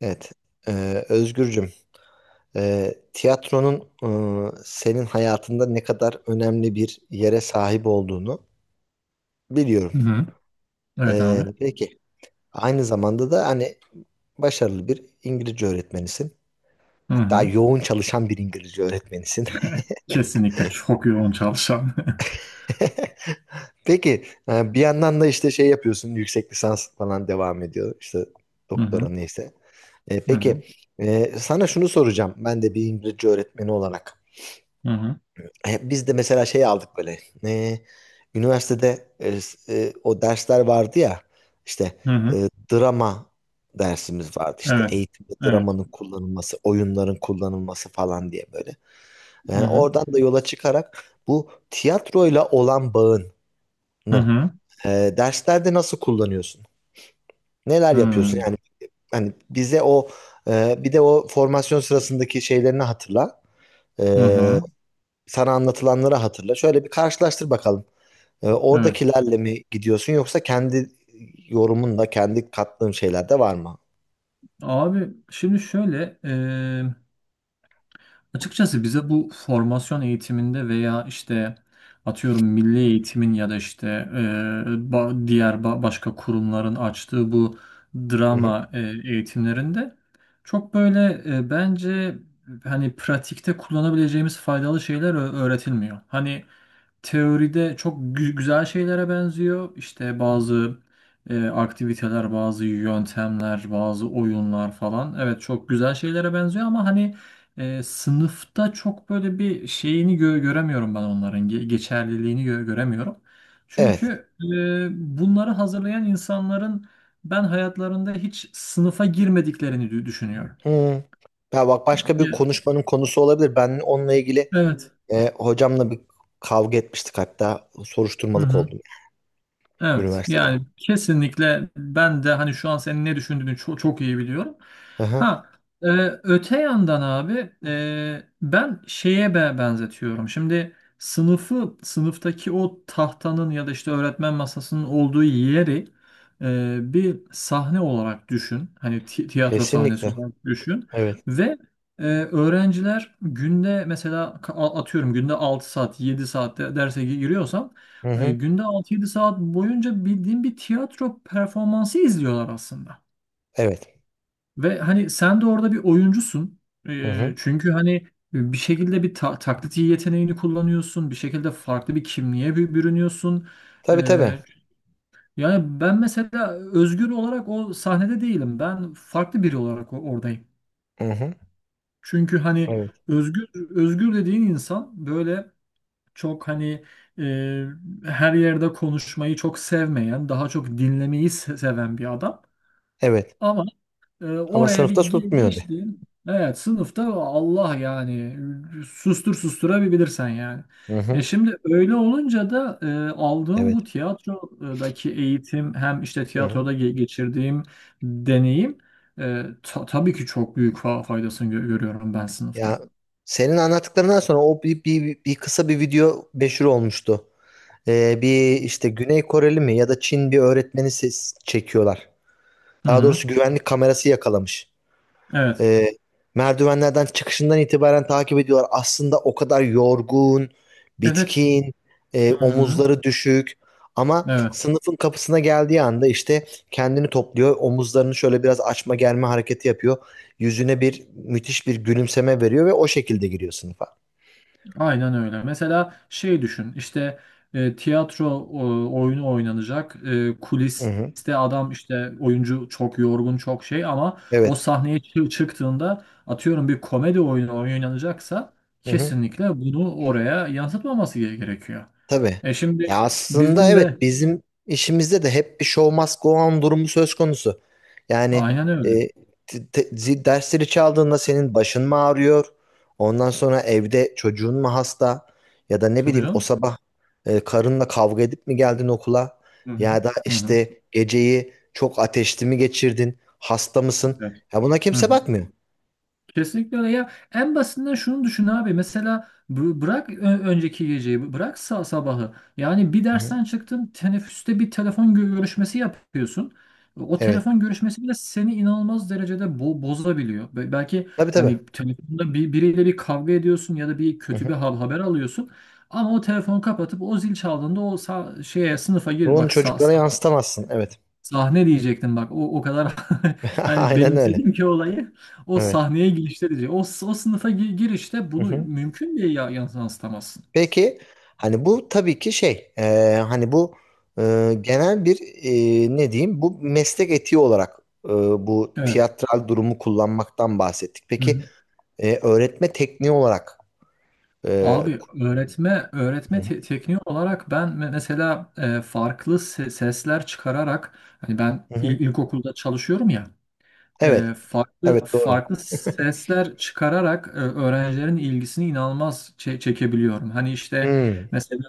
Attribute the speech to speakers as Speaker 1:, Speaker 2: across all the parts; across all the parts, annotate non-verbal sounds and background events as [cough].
Speaker 1: Evet. Özgürcüm, tiyatronun senin hayatında ne kadar önemli bir yere sahip olduğunu biliyorum.
Speaker 2: Hı hı. Evet, abi.
Speaker 1: Peki, aynı zamanda da hani başarılı bir İngilizce öğretmenisin.
Speaker 2: Hı
Speaker 1: Hatta
Speaker 2: hı.
Speaker 1: yoğun çalışan bir İngilizce öğretmenisin.
Speaker 2: [laughs] Kesinlikle çok yoğun çalışan. [laughs]
Speaker 1: [laughs] Peki, bir yandan da işte şey yapıyorsun, yüksek lisans falan devam ediyor. İşte
Speaker 2: Hı
Speaker 1: doktora
Speaker 2: hı.
Speaker 1: neyse.
Speaker 2: Hı hı.
Speaker 1: Peki, sana şunu soracağım. Ben de bir İngilizce öğretmeni olarak.
Speaker 2: Hı hı.
Speaker 1: Biz de mesela şey aldık böyle. e, Üniversitede o dersler vardı ya. İşte
Speaker 2: Hı
Speaker 1: e,
Speaker 2: hı.
Speaker 1: drama dersimiz vardı. İşte
Speaker 2: Evet.
Speaker 1: eğitimde
Speaker 2: Evet.
Speaker 1: dramanın kullanılması, oyunların kullanılması falan diye böyle.
Speaker 2: Hı hı.
Speaker 1: Oradan da yola çıkarak bu tiyatroyla olan bağını
Speaker 2: Hı hı.
Speaker 1: derslerde nasıl kullanıyorsun? Neler
Speaker 2: Hı hı.
Speaker 1: yapıyorsun? Yani hani bize o, bir de o formasyon sırasındaki şeylerini hatırla.
Speaker 2: Hı
Speaker 1: E,
Speaker 2: hı.
Speaker 1: Sana anlatılanları hatırla. Şöyle bir karşılaştır bakalım.
Speaker 2: Evet.
Speaker 1: Oradakilerle mi gidiyorsun yoksa kendi yorumunla kendi kattığın şeyler de var mı?
Speaker 2: Abi, şimdi şöyle. Açıkçası bize bu formasyon eğitiminde veya işte atıyorum milli eğitimin ya da işte e, başka kurumların açtığı bu
Speaker 1: Hı hı.
Speaker 2: drama eğitimlerinde çok böyle bence hani pratikte kullanabileceğimiz faydalı şeyler öğretilmiyor. Hani teoride çok güzel şeylere benziyor. İşte bazı aktiviteler, bazı yöntemler, bazı oyunlar falan. Evet, çok güzel şeylere benziyor ama hani sınıfta çok böyle bir şeyini göremiyorum, ben onların geçerliliğini göremiyorum.
Speaker 1: Evet.
Speaker 2: Çünkü bunları hazırlayan insanların ben hayatlarında hiç sınıfa girmediklerini düşünüyorum.
Speaker 1: Hı. Ya bak, başka
Speaker 2: Ya,
Speaker 1: bir konuşmanın konusu olabilir. Ben onunla ilgili
Speaker 2: evet.
Speaker 1: hocamla bir kavga etmiştik, hatta soruşturmalık oldum
Speaker 2: Evet,
Speaker 1: üniversitede.
Speaker 2: yani kesinlikle ben de hani şu an senin ne düşündüğünü çok, çok iyi biliyorum.
Speaker 1: Hı hı.
Speaker 2: Ha, e, öte yandan abi, ben şeye benzetiyorum. Şimdi sınıftaki o tahtanın ya da işte öğretmen masasının olduğu yeri bir sahne olarak düşün. Hani tiyatro sahnesi
Speaker 1: Kesinlikle.
Speaker 2: olarak düşün
Speaker 1: Evet.
Speaker 2: ve öğrenciler günde mesela atıyorum günde 6 saat 7 saatte derse giriyorsam,
Speaker 1: Hı hı.
Speaker 2: günde 6-7 saat boyunca bildiğin bir tiyatro performansı izliyorlar aslında.
Speaker 1: Evet.
Speaker 2: Ve hani sen de orada bir oyuncusun.
Speaker 1: Hı hı.
Speaker 2: Çünkü hani bir şekilde bir taklit yeteneğini kullanıyorsun. Bir şekilde farklı bir kimliğe bürünüyorsun.
Speaker 1: Tabii tabii.
Speaker 2: E, Yani ben mesela Özgür olarak o sahnede değilim. Ben farklı biri olarak oradayım.
Speaker 1: Hı hı.
Speaker 2: Çünkü hani
Speaker 1: Evet.
Speaker 2: özgür özgür dediğin insan böyle çok hani e, her yerde konuşmayı çok sevmeyen, daha çok dinlemeyi seven bir adam.
Speaker 1: Evet.
Speaker 2: Ama
Speaker 1: Ama
Speaker 2: oraya bir
Speaker 1: sınıfta
Speaker 2: gi-
Speaker 1: tutmuyordu.
Speaker 2: geçti. Evet, sınıfta Allah yani susturabilirsen yani.
Speaker 1: Hı hı.
Speaker 2: Şimdi öyle olunca da, aldığım bu
Speaker 1: Evet.
Speaker 2: tiyatrodaki eğitim, hem işte
Speaker 1: Hı hı.
Speaker 2: tiyatroda geçirdiğim deneyim, tabii ki çok büyük faydasını görüyorum ben
Speaker 1: Ya,
Speaker 2: sınıfta.
Speaker 1: senin anlattıklarından sonra o bir kısa bir video meşhur olmuştu. Bir işte Güney Koreli mi ya da Çin bir öğretmeni ses çekiyorlar.
Speaker 2: Hı
Speaker 1: Daha doğrusu
Speaker 2: hı.
Speaker 1: güvenlik kamerası yakalamış.
Speaker 2: Evet.
Speaker 1: E, Merdivenlerden çıkışından itibaren takip ediyorlar. Aslında o kadar yorgun,
Speaker 2: Evet.
Speaker 1: bitkin,
Speaker 2: Hı hı.
Speaker 1: omuzları düşük. Ama
Speaker 2: Evet.
Speaker 1: sınıfın kapısına geldiği anda işte kendini topluyor. Omuzlarını şöyle biraz açma germe hareketi yapıyor. Yüzüne bir müthiş bir gülümseme veriyor ve o şekilde giriyor sınıfa.
Speaker 2: Aynen öyle. Mesela şey düşün, işte tiyatro oyunu oynanacak.
Speaker 1: Hı hı.
Speaker 2: Kuliste adam, işte oyuncu, çok yorgun, çok şey, ama o
Speaker 1: Evet.
Speaker 2: sahneye çıktığında atıyorum bir komedi oyunu oynanacaksa
Speaker 1: Hı hı.
Speaker 2: kesinlikle bunu oraya yansıtmaması gerekiyor.
Speaker 1: Tabii.
Speaker 2: Şimdi
Speaker 1: Ya, aslında
Speaker 2: bizim de
Speaker 1: evet bizim işimizde de hep bir show must go on durumu söz konusu. Yani
Speaker 2: aynen öyle.
Speaker 1: e, dersleri çaldığında senin başın mı ağrıyor? Ondan sonra evde çocuğun mu hasta? Ya da ne
Speaker 2: Tabii
Speaker 1: bileyim, o
Speaker 2: canım.
Speaker 1: sabah karınla kavga edip mi geldin okula?
Speaker 2: Hı hı.
Speaker 1: Ya da
Speaker 2: Hı hı.
Speaker 1: işte geceyi çok ateşli mi geçirdin? Hasta mısın?
Speaker 2: Evet.
Speaker 1: Ya, buna
Speaker 2: Hı
Speaker 1: kimse
Speaker 2: hı.
Speaker 1: bakmıyor.
Speaker 2: Kesinlikle öyle. Ya, en basitinden şunu düşün abi. Mesela bırak önceki geceyi, bırak sabahı. Yani bir
Speaker 1: Hı-hı.
Speaker 2: dersten çıktın, teneffüste bir telefon görüşmesi yapıyorsun. O
Speaker 1: Evet.
Speaker 2: telefon görüşmesi bile seni inanılmaz derecede bozabiliyor. Belki
Speaker 1: Tabii tabii.
Speaker 2: hani telefonda biriyle bir kavga ediyorsun ya da bir kötü bir
Speaker 1: Hı-hı.
Speaker 2: haber alıyorsun. Ama o telefonu kapatıp o zil çaldığında o şeye sınıfa gir,
Speaker 1: Bunu
Speaker 2: bak.
Speaker 1: çocuklara yansıtamazsın. Evet.
Speaker 2: Sahne diyecektim, bak. O kadar [laughs]
Speaker 1: [laughs]
Speaker 2: hani
Speaker 1: Aynen öyle.
Speaker 2: benimsedim ki olayı. O
Speaker 1: Evet.
Speaker 2: sahneye girişte diyecek. O sınıfa girişte
Speaker 1: Hı
Speaker 2: bunu
Speaker 1: hı.
Speaker 2: mümkün diye ya yansıtamazsın.
Speaker 1: Peki, hani bu tabii ki şey, hani bu genel bir, ne diyeyim, bu meslek etiği olarak e, bu
Speaker 2: Evet.
Speaker 1: tiyatral durumu kullanmaktan bahsettik. Peki
Speaker 2: Hı-hı.
Speaker 1: öğretme tekniği olarak e,
Speaker 2: Abi, öğretme
Speaker 1: Hı
Speaker 2: öğretme
Speaker 1: hı.
Speaker 2: tekniği olarak ben mesela farklı sesler çıkararak, hani ben
Speaker 1: Hı
Speaker 2: il-
Speaker 1: hı.
Speaker 2: ilkokulda çalışıyorum ya,
Speaker 1: Evet,
Speaker 2: farklı
Speaker 1: evet, doğru.
Speaker 2: farklı sesler çıkararak, öğrencilerin ilgisini inanılmaz çekebiliyorum. Hani işte
Speaker 1: Hmm,
Speaker 2: mesela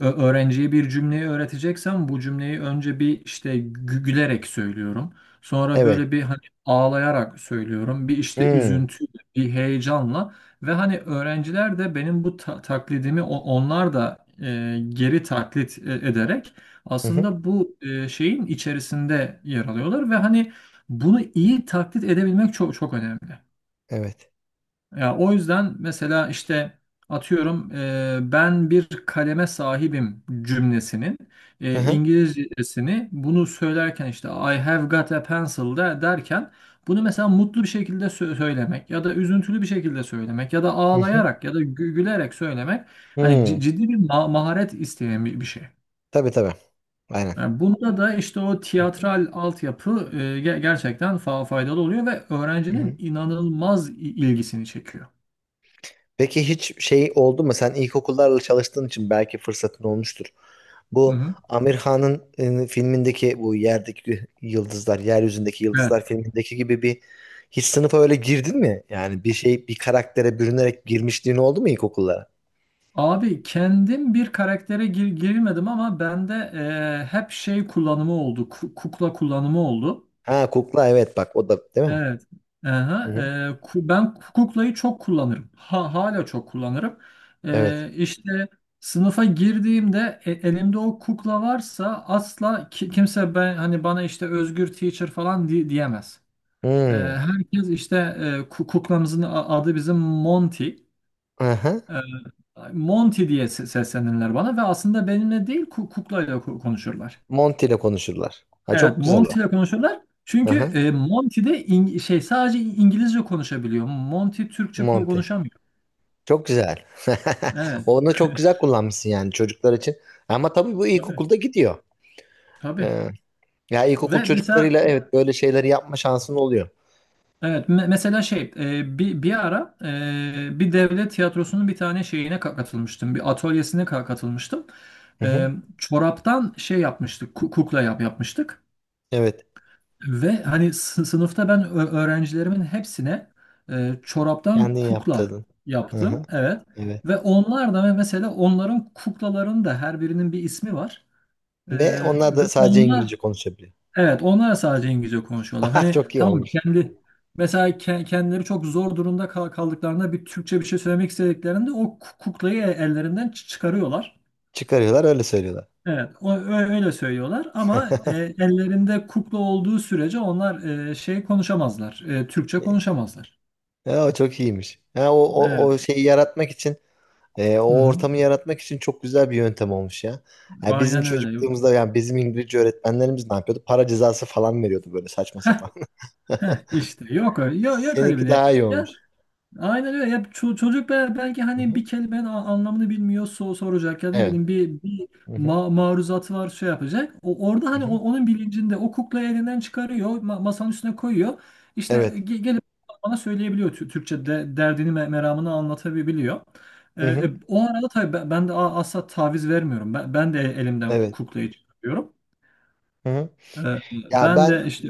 Speaker 2: öğrenciye bir cümleyi öğreteceksem, bu cümleyi önce bir işte gülerek söylüyorum. Sonra
Speaker 1: evet.
Speaker 2: böyle bir hani ağlayarak söylüyorum. Bir işte
Speaker 1: Hmm.
Speaker 2: üzüntüyle, bir heyecanla, ve hani öğrenciler de benim bu taklidimi onlar da geri taklit ederek
Speaker 1: Hı hı.
Speaker 2: aslında bu şeyin içerisinde yer alıyorlar, ve hani bunu iyi taklit edebilmek çok çok önemli.
Speaker 1: Evet.
Speaker 2: Ya, o yüzden mesela işte atıyorum ben bir kaleme sahibim cümlesinin
Speaker 1: Hı hı.
Speaker 2: İngilizcesini, bunu söylerken işte I have got a pencil de derken, bunu mesela mutlu bir şekilde söylemek ya da üzüntülü bir şekilde söylemek ya da
Speaker 1: Hı hı.
Speaker 2: ağlayarak ya da gülerek söylemek hani
Speaker 1: Hmm.
Speaker 2: ciddi bir maharet isteyen bir şey.
Speaker 1: Tabii tabii. Aynen.
Speaker 2: Yani bunda da işte o
Speaker 1: Hı
Speaker 2: tiyatral altyapı gerçekten faydalı oluyor ve öğrencinin
Speaker 1: hı.
Speaker 2: inanılmaz ilgisini çekiyor.
Speaker 1: Peki, hiç şey oldu mu? Sen ilkokullarla çalıştığın için belki fırsatın olmuştur.
Speaker 2: Hı
Speaker 1: Bu
Speaker 2: hı.
Speaker 1: Amir Khan'ın filmindeki bu yerdeki yıldızlar, yeryüzündeki
Speaker 2: Evet.
Speaker 1: yıldızlar filmindeki gibi bir, hiç sınıfa öyle girdin mi? Yani bir şey, bir karaktere bürünerek girmişliğin oldu mu ilkokullara?
Speaker 2: Abi, kendim bir karaktere girmedim ama bende hep şey kullanımı oldu. Kukla kullanımı oldu.
Speaker 1: Ha, kukla, evet, bak o da değil mi?
Speaker 2: Evet. Aha,
Speaker 1: Hı-hı.
Speaker 2: ben kuklayı çok kullanırım. Ha, hala çok kullanırım.
Speaker 1: Evet.
Speaker 2: İşte sınıfa girdiğimde elimde o kukla varsa, asla kimse ben hani bana işte Özgür teacher falan diyemez.
Speaker 1: Hmm.
Speaker 2: Herkes işte, kuklamızın adı bizim, Monty.
Speaker 1: Aha.
Speaker 2: Ee, Monty diye seslenirler bana ve aslında benimle değil kuklayla konuşurlar.
Speaker 1: Monty ile konuşurlar. Ha,
Speaker 2: Evet,
Speaker 1: çok güzel o.
Speaker 2: Monty ile konuşurlar. Çünkü
Speaker 1: Aha.
Speaker 2: Monty de sadece İngilizce konuşabiliyor. Monty Türkçe ko-
Speaker 1: Monty.
Speaker 2: konuşamıyor.
Speaker 1: Çok güzel. [laughs]
Speaker 2: Evet.
Speaker 1: Onu çok güzel
Speaker 2: [laughs]
Speaker 1: kullanmışsın yani çocuklar için. Ama tabii bu
Speaker 2: Tabii.
Speaker 1: ilkokulda gidiyor.
Speaker 2: Tabii.
Speaker 1: Ee, Ya ilkokul
Speaker 2: Ve
Speaker 1: çocuklarıyla
Speaker 2: mesela,
Speaker 1: evet böyle şeyleri yapma şansın oluyor.
Speaker 2: evet, mesela bir ara, bir devlet tiyatrosunun bir tane şeyine katılmıştım. Bir atölyesine katılmıştım.
Speaker 1: Hı hı.
Speaker 2: E, Çoraptan şey yapmıştık. Kukla yapmıştık.
Speaker 1: Evet.
Speaker 2: Ve hani sınıfta ben öğrencilerimin hepsine çoraptan
Speaker 1: Kendin
Speaker 2: kukla
Speaker 1: yaptırdın. Hı hı.
Speaker 2: yaptım. Evet. Ve
Speaker 1: Evet.
Speaker 2: onlar da mesela, onların kuklaların da her birinin bir ismi var. E,
Speaker 1: Ve onlar
Speaker 2: ve
Speaker 1: da sadece
Speaker 2: onlar
Speaker 1: İngilizce konuşabiliyor.
Speaker 2: evet onlar sadece İngilizce konuşuyorlar.
Speaker 1: [laughs]
Speaker 2: Hani
Speaker 1: Çok iyi
Speaker 2: tamam,
Speaker 1: olmuş.
Speaker 2: kendi mesela kendileri çok zor durumda kaldıklarında bir Türkçe bir şey söylemek istediklerinde o kuklayı ellerinden çıkarıyorlar.
Speaker 1: Çıkarıyorlar, öyle söylüyorlar.
Speaker 2: Evet, öyle söylüyorlar ama ellerinde kukla olduğu sürece onlar konuşamazlar, Türkçe konuşamazlar.
Speaker 1: Ya, o çok iyiymiş. Ha, o, o,
Speaker 2: Evet,
Speaker 1: o şeyi yaratmak için,
Speaker 2: hı
Speaker 1: o
Speaker 2: hı.
Speaker 1: ortamı yaratmak için çok güzel bir yöntem olmuş ya. Ya, bizim
Speaker 2: Aynen öyle.
Speaker 1: çocukluğumuzda yani bizim İngilizce öğretmenlerimiz ne yapıyordu? Para cezası falan veriyordu böyle saçma
Speaker 2: Heh,
Speaker 1: sapan. [laughs]
Speaker 2: heh, işte yok öyle, yok, yok öyle bir
Speaker 1: Seninki
Speaker 2: şey.
Speaker 1: daha iyi olmuş.
Speaker 2: Aynen öyle. Ya, çocuk belki
Speaker 1: Hı
Speaker 2: hani
Speaker 1: hı.
Speaker 2: bir kelimenin anlamını bilmiyor, soracak, ya ne
Speaker 1: Evet.
Speaker 2: bileyim, bir
Speaker 1: Hı hı.
Speaker 2: maruzatı var, şey yapacak. Orada
Speaker 1: Hı
Speaker 2: hani o-
Speaker 1: hı.
Speaker 2: onun bilincinde o kuklayı elinden çıkarıyor, masanın üstüne koyuyor. İşte
Speaker 1: Evet.
Speaker 2: gelip bana söyleyebiliyor, Tü- Türkçe derdini meramını anlatabiliyor.
Speaker 1: Hı hı.
Speaker 2: O arada tabii, ben de asla taviz vermiyorum. Ben de elimden ku-
Speaker 1: Evet.
Speaker 2: kuklayı çıkarıyorum.
Speaker 1: Hı hı.
Speaker 2: Ee,
Speaker 1: Ya
Speaker 2: Ben
Speaker 1: ben
Speaker 2: de işte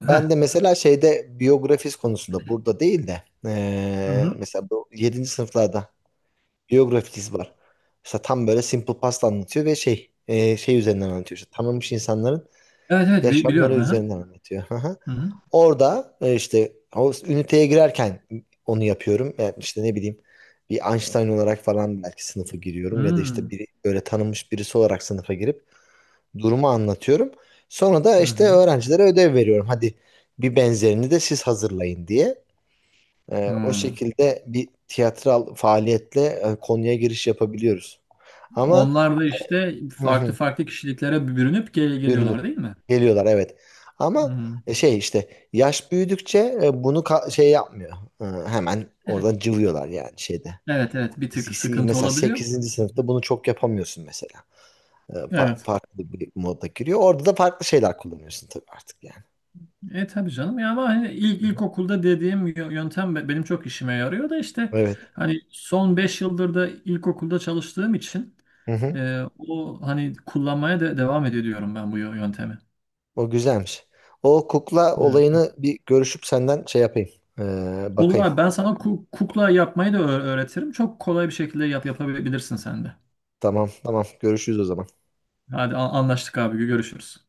Speaker 1: ben
Speaker 2: heh.
Speaker 1: de mesela şeyde biyografis konusunda burada değil de,
Speaker 2: Hı hı.
Speaker 1: mesela bu yedinci sınıflarda biyografis var. Mesela tam böyle Simple Past anlatıyor ve şey üzerinden anlatıyor. İşte tanınmış insanların
Speaker 2: Evet, evet, bi-
Speaker 1: yaşamları
Speaker 2: biliyorum. Hı
Speaker 1: üzerinden anlatıyor. Hı hı.
Speaker 2: hı.
Speaker 1: Orada işte o üniteye girerken onu yapıyorum. Yani işte ne bileyim, bir Einstein olarak falan belki sınıfa
Speaker 2: Hı
Speaker 1: giriyorum ya da işte
Speaker 2: hı.
Speaker 1: bir böyle tanınmış birisi olarak sınıfa girip durumu anlatıyorum. Sonra da
Speaker 2: Hı
Speaker 1: işte
Speaker 2: hı.
Speaker 1: öğrencilere ödev veriyorum. Hadi bir benzerini de siz hazırlayın diye.
Speaker 2: Hı
Speaker 1: O
Speaker 2: hı.
Speaker 1: şekilde bir tiyatral faaliyetle konuya giriş yapabiliyoruz. Ama
Speaker 2: Onlar da işte farklı
Speaker 1: [laughs]
Speaker 2: farklı kişiliklere bürünüp geliyorlar,
Speaker 1: bürünüp
Speaker 2: değil mi?
Speaker 1: geliyorlar, evet. Ama
Speaker 2: Hı.
Speaker 1: şey işte yaş büyüdükçe bunu şey yapmıyor. Hemen
Speaker 2: Evet,
Speaker 1: oradan cıvıyorlar yani şeyde.
Speaker 2: evet, evet. Bir tık sıkıntı
Speaker 1: Mesela
Speaker 2: olabiliyor.
Speaker 1: sekizinci
Speaker 2: Hı
Speaker 1: sınıfta
Speaker 2: hı.
Speaker 1: bunu çok yapamıyorsun mesela.
Speaker 2: Evet.
Speaker 1: Farklı bir moda giriyor. Orada da farklı şeyler kullanıyorsun tabii artık yani.
Speaker 2: Tabii canım ya, ama hani ilk
Speaker 1: Hı hı.
Speaker 2: ilkokulda dediğim yöntem benim çok işime yarıyor da işte,
Speaker 1: Evet.
Speaker 2: hani son 5 yıldır da ilkokulda çalıştığım için
Speaker 1: Hı hı.
Speaker 2: o hani kullanmaya da devam ediyorum ben bu yöntemi.
Speaker 1: O güzelmiş. O kukla
Speaker 2: Evet.
Speaker 1: olayını bir görüşüp senden şey yapayım. E,
Speaker 2: Olur
Speaker 1: Bakayım.
Speaker 2: abi, ben sana kukla yapmayı da öğretirim. Çok kolay bir şekilde yapabilirsin sen de.
Speaker 1: Tamam, tamam, görüşürüz o zaman.
Speaker 2: Hadi anlaştık abi, görüşürüz.